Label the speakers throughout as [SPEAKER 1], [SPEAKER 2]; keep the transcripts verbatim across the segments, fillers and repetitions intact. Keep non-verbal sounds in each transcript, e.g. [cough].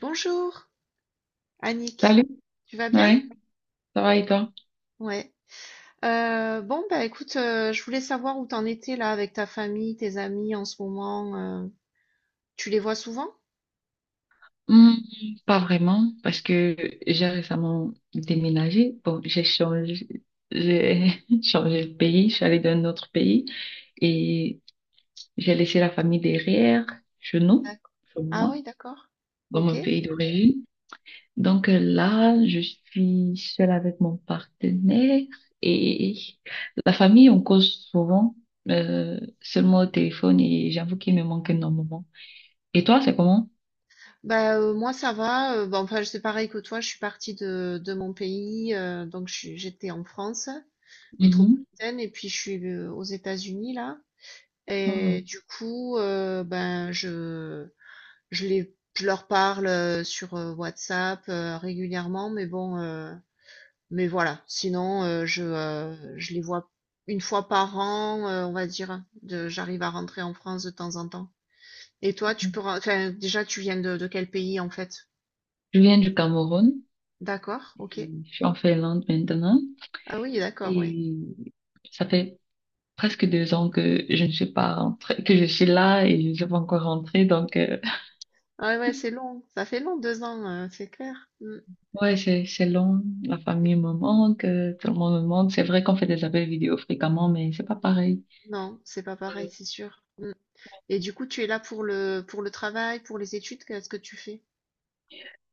[SPEAKER 1] Bonjour, Annick.
[SPEAKER 2] Salut,
[SPEAKER 1] Tu vas bien?
[SPEAKER 2] oui, ça va et toi?
[SPEAKER 1] Ouais. Euh, bon, bah écoute, euh, je voulais savoir où t'en étais là avec ta famille, tes amis en ce moment. euh, Tu les vois souvent?
[SPEAKER 2] Hmm, pas vraiment, parce que j'ai récemment déménagé. Bon, j'ai changé, j'ai [laughs] changé de pays, je suis allée dans un autre pays et j'ai laissé la famille derrière, chez nous,
[SPEAKER 1] D'accord.
[SPEAKER 2] chez
[SPEAKER 1] Ah
[SPEAKER 2] moi,
[SPEAKER 1] oui, d'accord.
[SPEAKER 2] dans
[SPEAKER 1] Ok.
[SPEAKER 2] mon pays d'origine. Donc euh, là, je suis seule avec mon partenaire et la famille, on cause souvent, euh, seulement au téléphone et j'avoue qu'il me manque énormément. Et toi, c'est comment?
[SPEAKER 1] Bah euh, moi ça va. Euh, bah, enfin c'est pareil que toi. Je suis partie de, de mon pays, euh, donc je suis- j'étais en France
[SPEAKER 2] Mhm.
[SPEAKER 1] métropolitaine et puis je suis euh, aux États-Unis là.
[SPEAKER 2] Oh.
[SPEAKER 1] Et du coup, euh, ben je Je les je leur parle heu, sur heu, WhatsApp heu, régulièrement, mais bon, heu, mais voilà. Sinon, heu, je, heu, je les vois une fois par an, heu, on va dire, de j'arrive à rentrer en France de temps en temps. Et toi, tu
[SPEAKER 2] Je
[SPEAKER 1] peux ren enfin, déjà, tu viens de de quel pays, en fait?
[SPEAKER 2] viens du Cameroun
[SPEAKER 1] D'accord, OK.
[SPEAKER 2] et Je suis en Finlande maintenant.
[SPEAKER 1] Ah oui, d'accord, ouais.
[SPEAKER 2] Et ça fait presque deux ans que je ne suis pas rentrée, que je suis là et je ne suis pas encore rentrée. Donc, euh,
[SPEAKER 1] Ouais, ouais, c'est long, ça fait long deux ans, heu, c'est clair. Mmh.
[SPEAKER 2] ouais, c'est, c'est long. La famille me manque, euh, tout le monde me manque. C'est vrai qu'on fait des appels vidéo fréquemment, mais c'est pas pareil.
[SPEAKER 1] Non, c'est pas pareil, c'est sûr. Mmh et du coup, tu es là pour le pour le travail, pour les études, qu'est-ce que tu fais?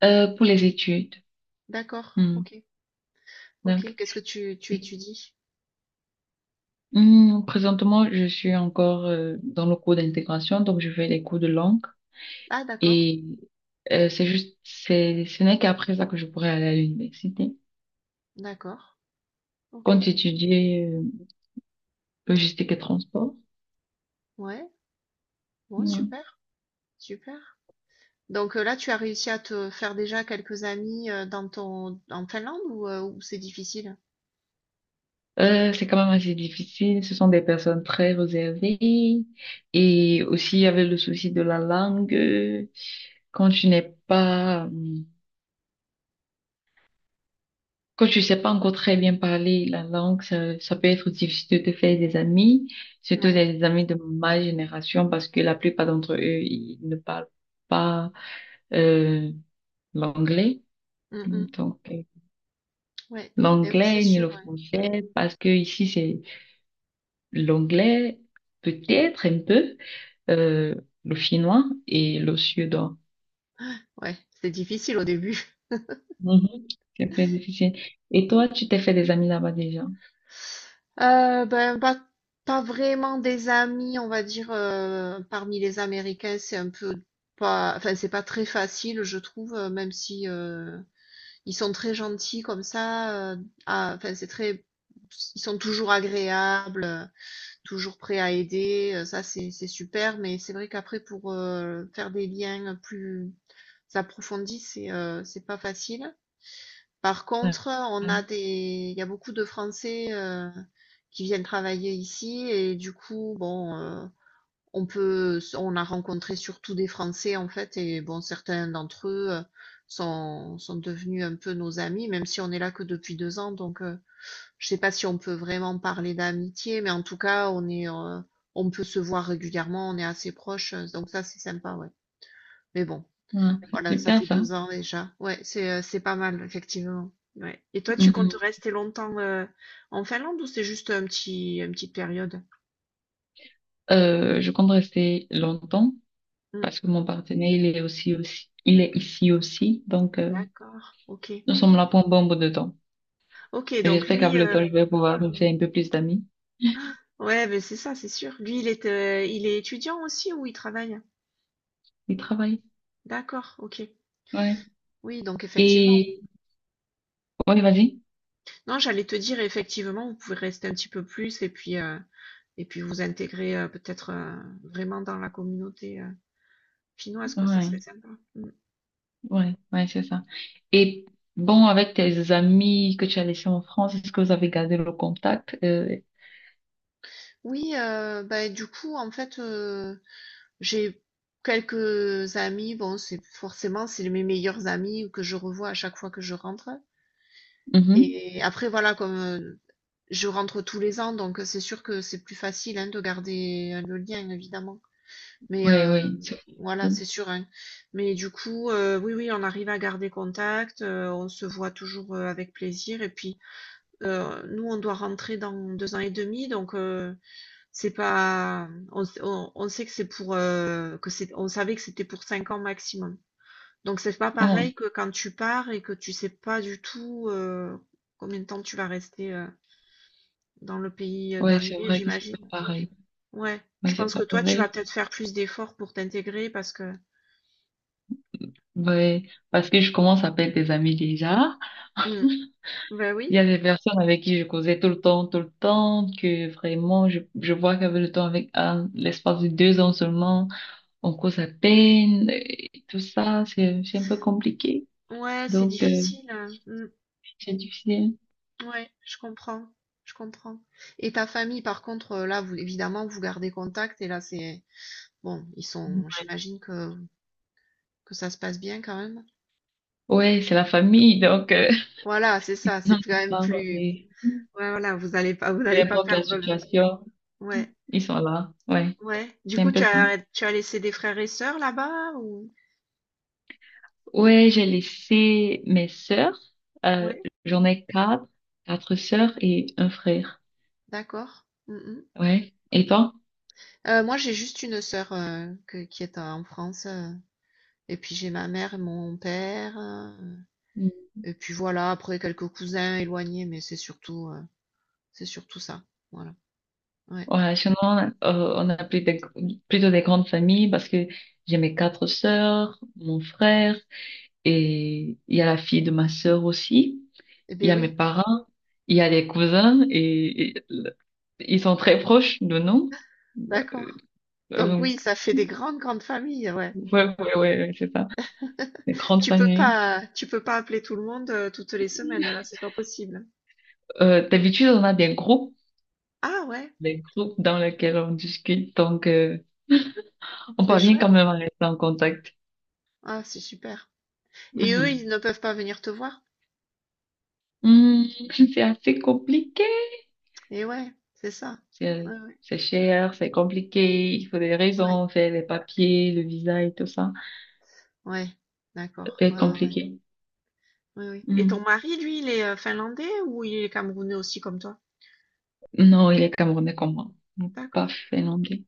[SPEAKER 2] Euh, pour les études.
[SPEAKER 1] D'accord,
[SPEAKER 2] Hmm.
[SPEAKER 1] OK. OK,
[SPEAKER 2] Donc,
[SPEAKER 1] qu'est-ce que tu tu étudies?
[SPEAKER 2] hmm, présentement, je suis encore euh, dans le cours d'intégration, donc je fais les cours de langue.
[SPEAKER 1] Ah d'accord,
[SPEAKER 2] Et euh, c'est juste, c'est, ce n'est qu'après ça que je pourrais aller à l'université.
[SPEAKER 1] d'accord.
[SPEAKER 2] Quand
[SPEAKER 1] OK.
[SPEAKER 2] j'étudiais euh, logistique et transport,
[SPEAKER 1] Ouais, bon
[SPEAKER 2] ouais.
[SPEAKER 1] super, super. Donc, heu, là, tu as réussi à te faire déjà quelques amis, heu, dans ton en Finlande ou, heu, ou c'est difficile?
[SPEAKER 2] Euh, c'est quand même assez difficile. Ce sont des personnes très réservées. Et aussi, il y avait le souci de la langue. euh, Quand tu n'es pas, euh, Quand tu sais pas encore très bien parler la langue, ça, ça peut être difficile de te faire des amis, surtout
[SPEAKER 1] Ouais.
[SPEAKER 2] des amis de ma génération, parce que la plupart d'entre eux, ils ne parlent pas. Euh, l'anglais.
[SPEAKER 1] Mmh mh.
[SPEAKER 2] Donc, euh,
[SPEAKER 1] Ouais. Et oui, c'est
[SPEAKER 2] l'anglais ni
[SPEAKER 1] sûr,
[SPEAKER 2] le
[SPEAKER 1] ouais.
[SPEAKER 2] français, parce que ici, c'est l'anglais, peut-être un peu, euh, le finnois et le suédois.
[SPEAKER 1] Ouais, c'est difficile au début.
[SPEAKER 2] Mhm. C'est très difficile. Et toi, tu t'es fait des amis là-bas déjà?
[SPEAKER 1] [laughs] Heu, ben, pas pas vraiment des amis, on va dire, heu, parmi les Américains, c'est un peu pas enfin, c'est pas très facile, je trouve, heu, même si, heu ils sont très gentils comme ça, heu, à enfin, c'est très ils sont toujours agréables, heu, toujours prêts à aider, heu, ça c'est c'est super, mais c'est vrai qu'après pour, heu, faire des liens plus approfondis, c'est, heu, c'est pas facile. Par
[SPEAKER 2] Ouais.
[SPEAKER 1] contre, on a des il y a beaucoup de Français, heu, qui viennent travailler ici et du coup, bon, heu on peut, on a rencontré surtout des Français en fait, et bon, certains d'entre eux euh, sont, sont devenus un peu nos amis, même si on est là que depuis deux ans. Donc, euh, je sais pas si on peut vraiment parler d'amitié, mais en tout cas, on est, euh, on peut se voir régulièrement, on est assez proches, euh, donc ça, c'est sympa, ouais. Mais bon,
[SPEAKER 2] Ouais.
[SPEAKER 1] voilà, ça
[SPEAKER 2] Super
[SPEAKER 1] fait
[SPEAKER 2] ça.
[SPEAKER 1] deux ans déjà. Ouais, c'est, euh, c'est pas mal, effectivement. Ouais. Et toi, tu comptes
[SPEAKER 2] Mhm.
[SPEAKER 1] rester longtemps euh, en Finlande ou c'est juste un petit, une petite période?
[SPEAKER 2] Euh, je compte rester longtemps
[SPEAKER 1] Hmm,
[SPEAKER 2] parce que mon partenaire, il est aussi, aussi, il est ici aussi. Donc, euh,
[SPEAKER 1] d'accord, ok.
[SPEAKER 2] nous sommes là pour un bon bout de temps.
[SPEAKER 1] Ok, donc
[SPEAKER 2] J'espère qu'avec
[SPEAKER 1] lui,
[SPEAKER 2] le
[SPEAKER 1] euh,
[SPEAKER 2] temps, je vais pouvoir me faire un peu plus d'amis
[SPEAKER 1] ouais, mais c'est ça, c'est sûr. Lui, il est, euh, il est étudiant aussi ou il travaille?
[SPEAKER 2] et travailler.
[SPEAKER 1] D'accord, ok.
[SPEAKER 2] Ouais.
[SPEAKER 1] Oui, donc effectivement.
[SPEAKER 2] Et ouais, vas-y.
[SPEAKER 1] Non, j'allais te dire, effectivement, vous pouvez rester un petit peu plus et puis, euh, et puis vous intégrer euh, peut-être euh, vraiment dans la communauté euh, finnoise, quoi, ça
[SPEAKER 2] Ouais,
[SPEAKER 1] serait sympa. Mm.
[SPEAKER 2] ouais, ouais, c'est ça. Et bon, avec tes amis que tu as laissés en France, est-ce que vous avez gardé le contact? Euh...
[SPEAKER 1] Oui, euh, bah, du coup, en fait, euh, j'ai quelques amis, bon, c'est forcément, c'est mes meilleurs amis que je revois à chaque fois que je rentre.
[SPEAKER 2] mhm.
[SPEAKER 1] Et après, voilà, comme euh, je rentre tous les ans, donc c'est sûr que c'est plus facile hein, de garder euh, le lien, évidemment. Mais
[SPEAKER 2] Ouais,
[SPEAKER 1] euh,
[SPEAKER 2] ouais, c'est...
[SPEAKER 1] voilà, c'est sûr, hein. Mais du coup, euh, oui, oui, on arrive à garder contact, euh, on se voit toujours euh, avec plaisir. Et puis, euh, nous, on doit rentrer dans deux ans et demi, donc euh, c'est pas, on, on- on sait que c'est pour, euh, que c'est, on savait que c'était pour cinq ans maximum. Donc c'est pas
[SPEAKER 2] Oh,
[SPEAKER 1] pareil que quand tu pars et que tu sais pas du tout euh, combien de temps tu vas rester euh, dans le pays euh,
[SPEAKER 2] ouais, c'est
[SPEAKER 1] d'arrivée,
[SPEAKER 2] vrai que c'est pas
[SPEAKER 1] j'imagine.
[SPEAKER 2] pareil.
[SPEAKER 1] Ouais,
[SPEAKER 2] Ouais,
[SPEAKER 1] je
[SPEAKER 2] c'est
[SPEAKER 1] pense
[SPEAKER 2] pas
[SPEAKER 1] que toi, tu vas
[SPEAKER 2] pareil.
[SPEAKER 1] peut-être faire plus d'efforts pour t'intégrer parce que...
[SPEAKER 2] Ouais, parce que je commence à perdre des amis déjà.
[SPEAKER 1] Hmm. Ben
[SPEAKER 2] Il y
[SPEAKER 1] oui,
[SPEAKER 2] a des personnes avec qui je causais tout le temps, tout le temps, que vraiment, je, je vois qu'avec le temps, avec un- l'espace de deux ans seulement, on cause à peine, et tout ça, c'est, c'est un peu compliqué.
[SPEAKER 1] ouais, c'est
[SPEAKER 2] Donc, euh,
[SPEAKER 1] difficile, hein. Hmm.
[SPEAKER 2] c'est difficile.
[SPEAKER 1] Ouais, je comprends, je comprends. Et ta famille, par contre, euh, là, vous, évidemment, vous gardez contact et là, c'est... Bon, ils sont... J'imagine que, que ça se passe bien quand même.
[SPEAKER 2] Ouais, c'est la famille, donc euh,
[SPEAKER 1] Voilà, c'est ça, c'est quand
[SPEAKER 2] [laughs]
[SPEAKER 1] même
[SPEAKER 2] non,
[SPEAKER 1] plus...
[SPEAKER 2] mais
[SPEAKER 1] Ouais, voilà, vous allez pas, vous
[SPEAKER 2] peu
[SPEAKER 1] n'allez pas
[SPEAKER 2] importe la
[SPEAKER 1] perdre le...
[SPEAKER 2] situation,
[SPEAKER 1] Ouais,
[SPEAKER 2] ils sont là. Ouais,
[SPEAKER 1] ouais. Du
[SPEAKER 2] c'est un
[SPEAKER 1] coup,
[SPEAKER 2] peu
[SPEAKER 1] tu
[SPEAKER 2] ça.
[SPEAKER 1] as, tu as laissé des frères et sœurs là-bas ou...
[SPEAKER 2] Ouais, j'ai laissé mes sœurs. Euh,
[SPEAKER 1] Ouais,
[SPEAKER 2] j'en ai quatre, quatre sœurs et un frère.
[SPEAKER 1] d'accord. Mm, mm.
[SPEAKER 2] Ouais. Et toi?
[SPEAKER 1] Heu, moi, j'ai juste une sœur, heu, que qui est en France, heu et puis j'ai ma mère et mon père, heu
[SPEAKER 2] Mm.
[SPEAKER 1] et puis voilà, après quelques cousins éloignés, mais c'est surtout, heu, c'est surtout ça. Voilà, ouais.
[SPEAKER 2] Ouais, sinon, euh, on a plus des- plutôt des grandes familles parce que j'ai mes quatre sœurs, mon frère et il y a la fille de ma sœur aussi.
[SPEAKER 1] Eh
[SPEAKER 2] Il y
[SPEAKER 1] bien,
[SPEAKER 2] a mes
[SPEAKER 1] oui,
[SPEAKER 2] parents, il y a les cousins et, et le- ils sont très proches de nous. Euh,
[SPEAKER 1] d'accord.
[SPEAKER 2] euh,
[SPEAKER 1] Donc oui,
[SPEAKER 2] donc,
[SPEAKER 1] ça fait des grandes, grandes familles, ouais.
[SPEAKER 2] ouais, ouais, ouais, ouais, c'est ça.
[SPEAKER 1] [laughs]
[SPEAKER 2] Une grande
[SPEAKER 1] Tu peux
[SPEAKER 2] famille.
[SPEAKER 1] pas tu peux pas appeler tout le monde, heu, toutes les semaines, là, c'est pas possible.
[SPEAKER 2] Euh, d'habitude, on a des groupes,
[SPEAKER 1] Ah ouais,
[SPEAKER 2] des groupes dans lesquels on discute. Donc, euh, on
[SPEAKER 1] c'est
[SPEAKER 2] parvient
[SPEAKER 1] chouette.
[SPEAKER 2] quand même à rester en contact.
[SPEAKER 1] Ah, c'est super et eux, ils
[SPEAKER 2] Mhm.
[SPEAKER 1] ne peuvent pas venir te voir?
[SPEAKER 2] Hmm, [laughs] c'est assez compliqué.
[SPEAKER 1] Et ouais, c'est ça.
[SPEAKER 2] C'est,
[SPEAKER 1] Ouais, ouais,
[SPEAKER 2] c'est cher, c'est compliqué. Il faut des
[SPEAKER 1] ouais,
[SPEAKER 2] raisons, faire les papiers, le visa et tout ça.
[SPEAKER 1] ouais,
[SPEAKER 2] Ça
[SPEAKER 1] d'accord,
[SPEAKER 2] peut être
[SPEAKER 1] ouais, ouais, ouais.
[SPEAKER 2] compliqué.
[SPEAKER 1] Oui, oui. Et ton
[SPEAKER 2] Hmm.
[SPEAKER 1] mari, lui, il est euh, finlandais ou il est camerounais aussi comme toi?
[SPEAKER 2] Non, il est camerounais comme moi, pas
[SPEAKER 1] D'accord. Ok,
[SPEAKER 2] finlandais.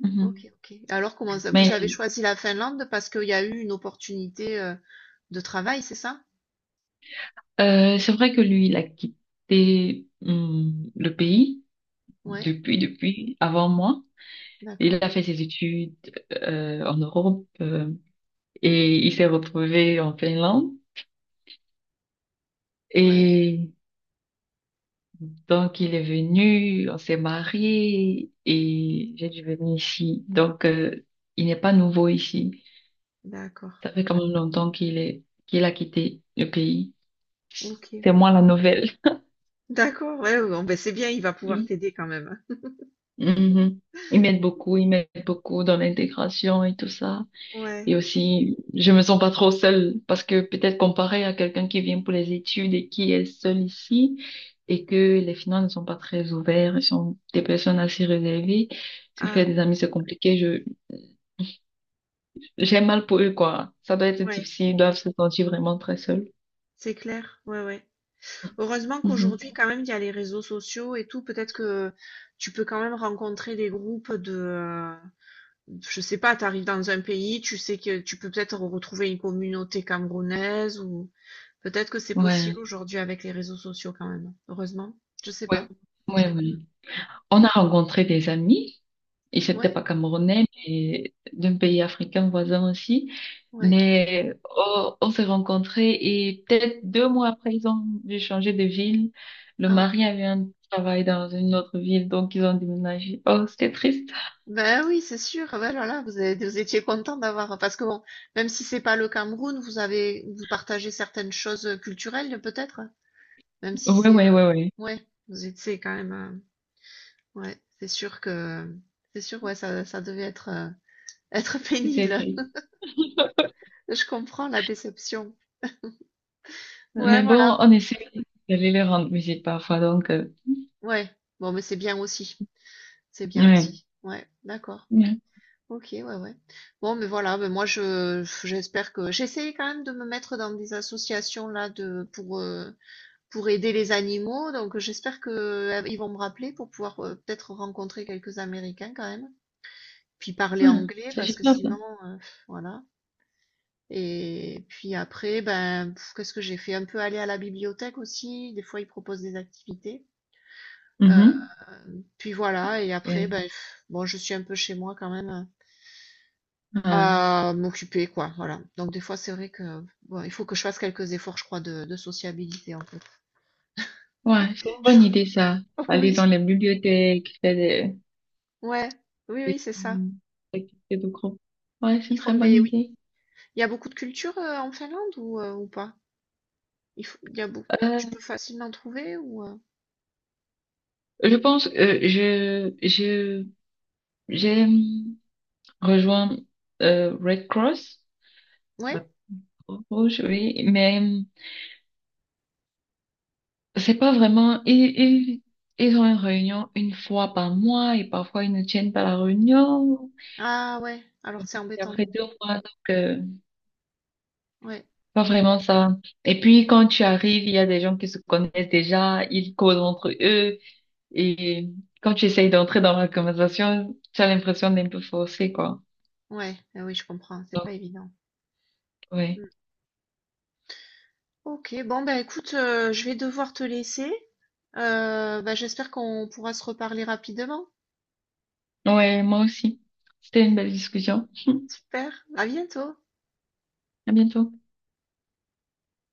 [SPEAKER 2] Mhm.
[SPEAKER 1] ok, ok. Alors, comment ça, vous
[SPEAKER 2] Mais
[SPEAKER 1] avez choisi la Finlande parce qu'il y a eu une opportunité euh, de travail, c'est ça?
[SPEAKER 2] euh, c'est vrai que lui, il a quitté hum, le pays
[SPEAKER 1] Ouais,
[SPEAKER 2] depuis, depuis, avant moi. Il
[SPEAKER 1] d'accord.
[SPEAKER 2] a fait ses études euh, en Europe euh, et il s'est retrouvé en Finlande.
[SPEAKER 1] Ouais,
[SPEAKER 2] Et donc, il est venu, on s'est marié et j'ai dû venir ici. Donc, euh, il n'est pas nouveau ici.
[SPEAKER 1] d'accord.
[SPEAKER 2] Ça fait quand même longtemps qu'il est, qu'il a quitté le pays.
[SPEAKER 1] Ok.
[SPEAKER 2] C'est moi la nouvelle.
[SPEAKER 1] D'accord, ouais, ouais, bon, ben c'est bien, il va pouvoir
[SPEAKER 2] Mhm.
[SPEAKER 1] t'aider quand même.
[SPEAKER 2] Mhm. Ils m'aident beaucoup, ils m'aident beaucoup dans l'intégration et tout ça.
[SPEAKER 1] Ouais,
[SPEAKER 2] Et aussi, je me sens pas trop seule parce que peut-être comparé à quelqu'un qui vient pour les études et qui est seul ici et que les finances ne sont pas très ouvertes, ils sont des personnes assez réservées. Se faire
[SPEAKER 1] ah,
[SPEAKER 2] des amis, c'est compliqué. Je, j'ai mal pour eux, quoi. Ça doit être
[SPEAKER 1] ouais,
[SPEAKER 2] difficile. Ils doivent se sentir vraiment très seuls.
[SPEAKER 1] c'est clair, ouais, ouais. Heureusement
[SPEAKER 2] Mhm.
[SPEAKER 1] qu'aujourd'hui, quand même, il y a les réseaux sociaux et tout, peut-être que tu peux quand même rencontrer des groupes de, euh, je sais pas, tu arrives dans un pays, tu sais que tu peux peut-être retrouver une communauté camerounaise ou peut-être que c'est possible
[SPEAKER 2] Ouais,
[SPEAKER 1] aujourd'hui avec les réseaux sociaux quand même. Heureusement, je sais
[SPEAKER 2] ouais,
[SPEAKER 1] pas.
[SPEAKER 2] ouais,
[SPEAKER 1] Mm.
[SPEAKER 2] ouais. On a rencontré des amis. Et c'était
[SPEAKER 1] Ouais,
[SPEAKER 2] pas camerounais, mais d'un pays africain voisin aussi.
[SPEAKER 1] ouais.
[SPEAKER 2] Mais on, on s'est rencontrés et peut-être deux mois après, ils ont dû changer de ville. Le
[SPEAKER 1] Ah,
[SPEAKER 2] mari avait un travail dans une autre ville, donc ils ont déménagé. Oh, c'était triste.
[SPEAKER 1] ben oui, c'est sûr. Ah, ben voilà, vous avez- vous étiez content d'avoir parce que bon, même si c'est pas le Cameroun, vous avez vous partagez certaines choses culturelles peut-être, même si
[SPEAKER 2] Ouais,
[SPEAKER 1] c'est
[SPEAKER 2] ouais,
[SPEAKER 1] euh,
[SPEAKER 2] ouais, ouais.
[SPEAKER 1] ouais, vous êtes c'est quand même euh, ouais, c'est sûr que c'est sûr ouais, ça ça devait être euh, [laughs] être
[SPEAKER 2] C'était
[SPEAKER 1] pénible.
[SPEAKER 2] triste.
[SPEAKER 1] Je comprends la déception. Ouais,
[SPEAKER 2] Mais
[SPEAKER 1] voilà.
[SPEAKER 2] bon, on essaie d'aller les rendre visite parfois, donc, euh,
[SPEAKER 1] Ouais. Bon, mais c'est bien aussi. C'est bien
[SPEAKER 2] ouais.
[SPEAKER 1] aussi. Ouais, d'accord.
[SPEAKER 2] Ouais,
[SPEAKER 1] Ok, ouais, ouais. Bon, mais voilà, mais moi je j'espère que j'essaye quand même de me mettre dans des associations là de pour euh, pour aider les animaux. Donc j'espère que euh, ils vont me rappeler pour pouvoir euh, peut-être rencontrer quelques Américains quand même. Puis parler
[SPEAKER 2] ouais,
[SPEAKER 1] anglais
[SPEAKER 2] c'est
[SPEAKER 1] parce que
[SPEAKER 2] super ça.
[SPEAKER 1] sinon euh, voilà. Et puis après, ben pff, qu'est-ce que j'ai fait? Un peu aller à la bibliothèque aussi. Des fois ils proposent des activités. Euh,
[SPEAKER 2] Mhm.
[SPEAKER 1] Puis voilà, et après,
[SPEAKER 2] Et...
[SPEAKER 1] ben, bon, je suis un peu chez moi quand même euh,
[SPEAKER 2] ouais,
[SPEAKER 1] à m'occuper, quoi. Voilà. Donc des fois, c'est vrai que bon, il faut que je fasse quelques efforts, je crois, de, de sociabilité, en fait.
[SPEAKER 2] ouais, c'est une bonne idée ça.
[SPEAKER 1] [laughs]
[SPEAKER 2] Aller
[SPEAKER 1] Oui,
[SPEAKER 2] dans les bibliothèques, faire des,
[SPEAKER 1] ouais, oui,
[SPEAKER 2] et
[SPEAKER 1] oui, c'est ça.
[SPEAKER 2] une activité de groupe. Ouais, c'est
[SPEAKER 1] Ils
[SPEAKER 2] une
[SPEAKER 1] font
[SPEAKER 2] très bonne
[SPEAKER 1] des, oui.
[SPEAKER 2] idée.
[SPEAKER 1] Il y a beaucoup de cultures euh, en Finlande ou, euh, ou pas? Il faut- il y a beaucoup. Tu
[SPEAKER 2] Euh,
[SPEAKER 1] peux facilement trouver ou euh,
[SPEAKER 2] je pense euh, je je j'ai hum, rejoint euh, Red Cross,
[SPEAKER 1] ouais?
[SPEAKER 2] la Croix Rouge, oui, mais hum, c'est pas vraiment. Ils, ils ils ont une réunion une fois par mois et parfois ils ne tiennent pas la réunion.
[SPEAKER 1] Ah ouais. Alors c'est
[SPEAKER 2] Et
[SPEAKER 1] embêtant.
[SPEAKER 2] après deux mois, donc euh,
[SPEAKER 1] Ouais,
[SPEAKER 2] pas vraiment ça. Et puis quand
[SPEAKER 1] d'accord.
[SPEAKER 2] tu arrives, il y a des gens qui se connaissent déjà, ils causent entre eux. Et quand tu essayes d'entrer dans la conversation, tu as l'impression d'un peu forcé, quoi.
[SPEAKER 1] Ouais, ah oui, je comprends. C'est
[SPEAKER 2] Donc,
[SPEAKER 1] pas évident.
[SPEAKER 2] ouais.
[SPEAKER 1] Mm. Ok, bon ben écoute, euh, je vais devoir te laisser. Euh, bah, j'espère qu'on pourra se reparler rapidement.
[SPEAKER 2] Ouais, moi aussi. C'était une belle discussion.
[SPEAKER 1] Super, à bientôt.
[SPEAKER 2] À bientôt.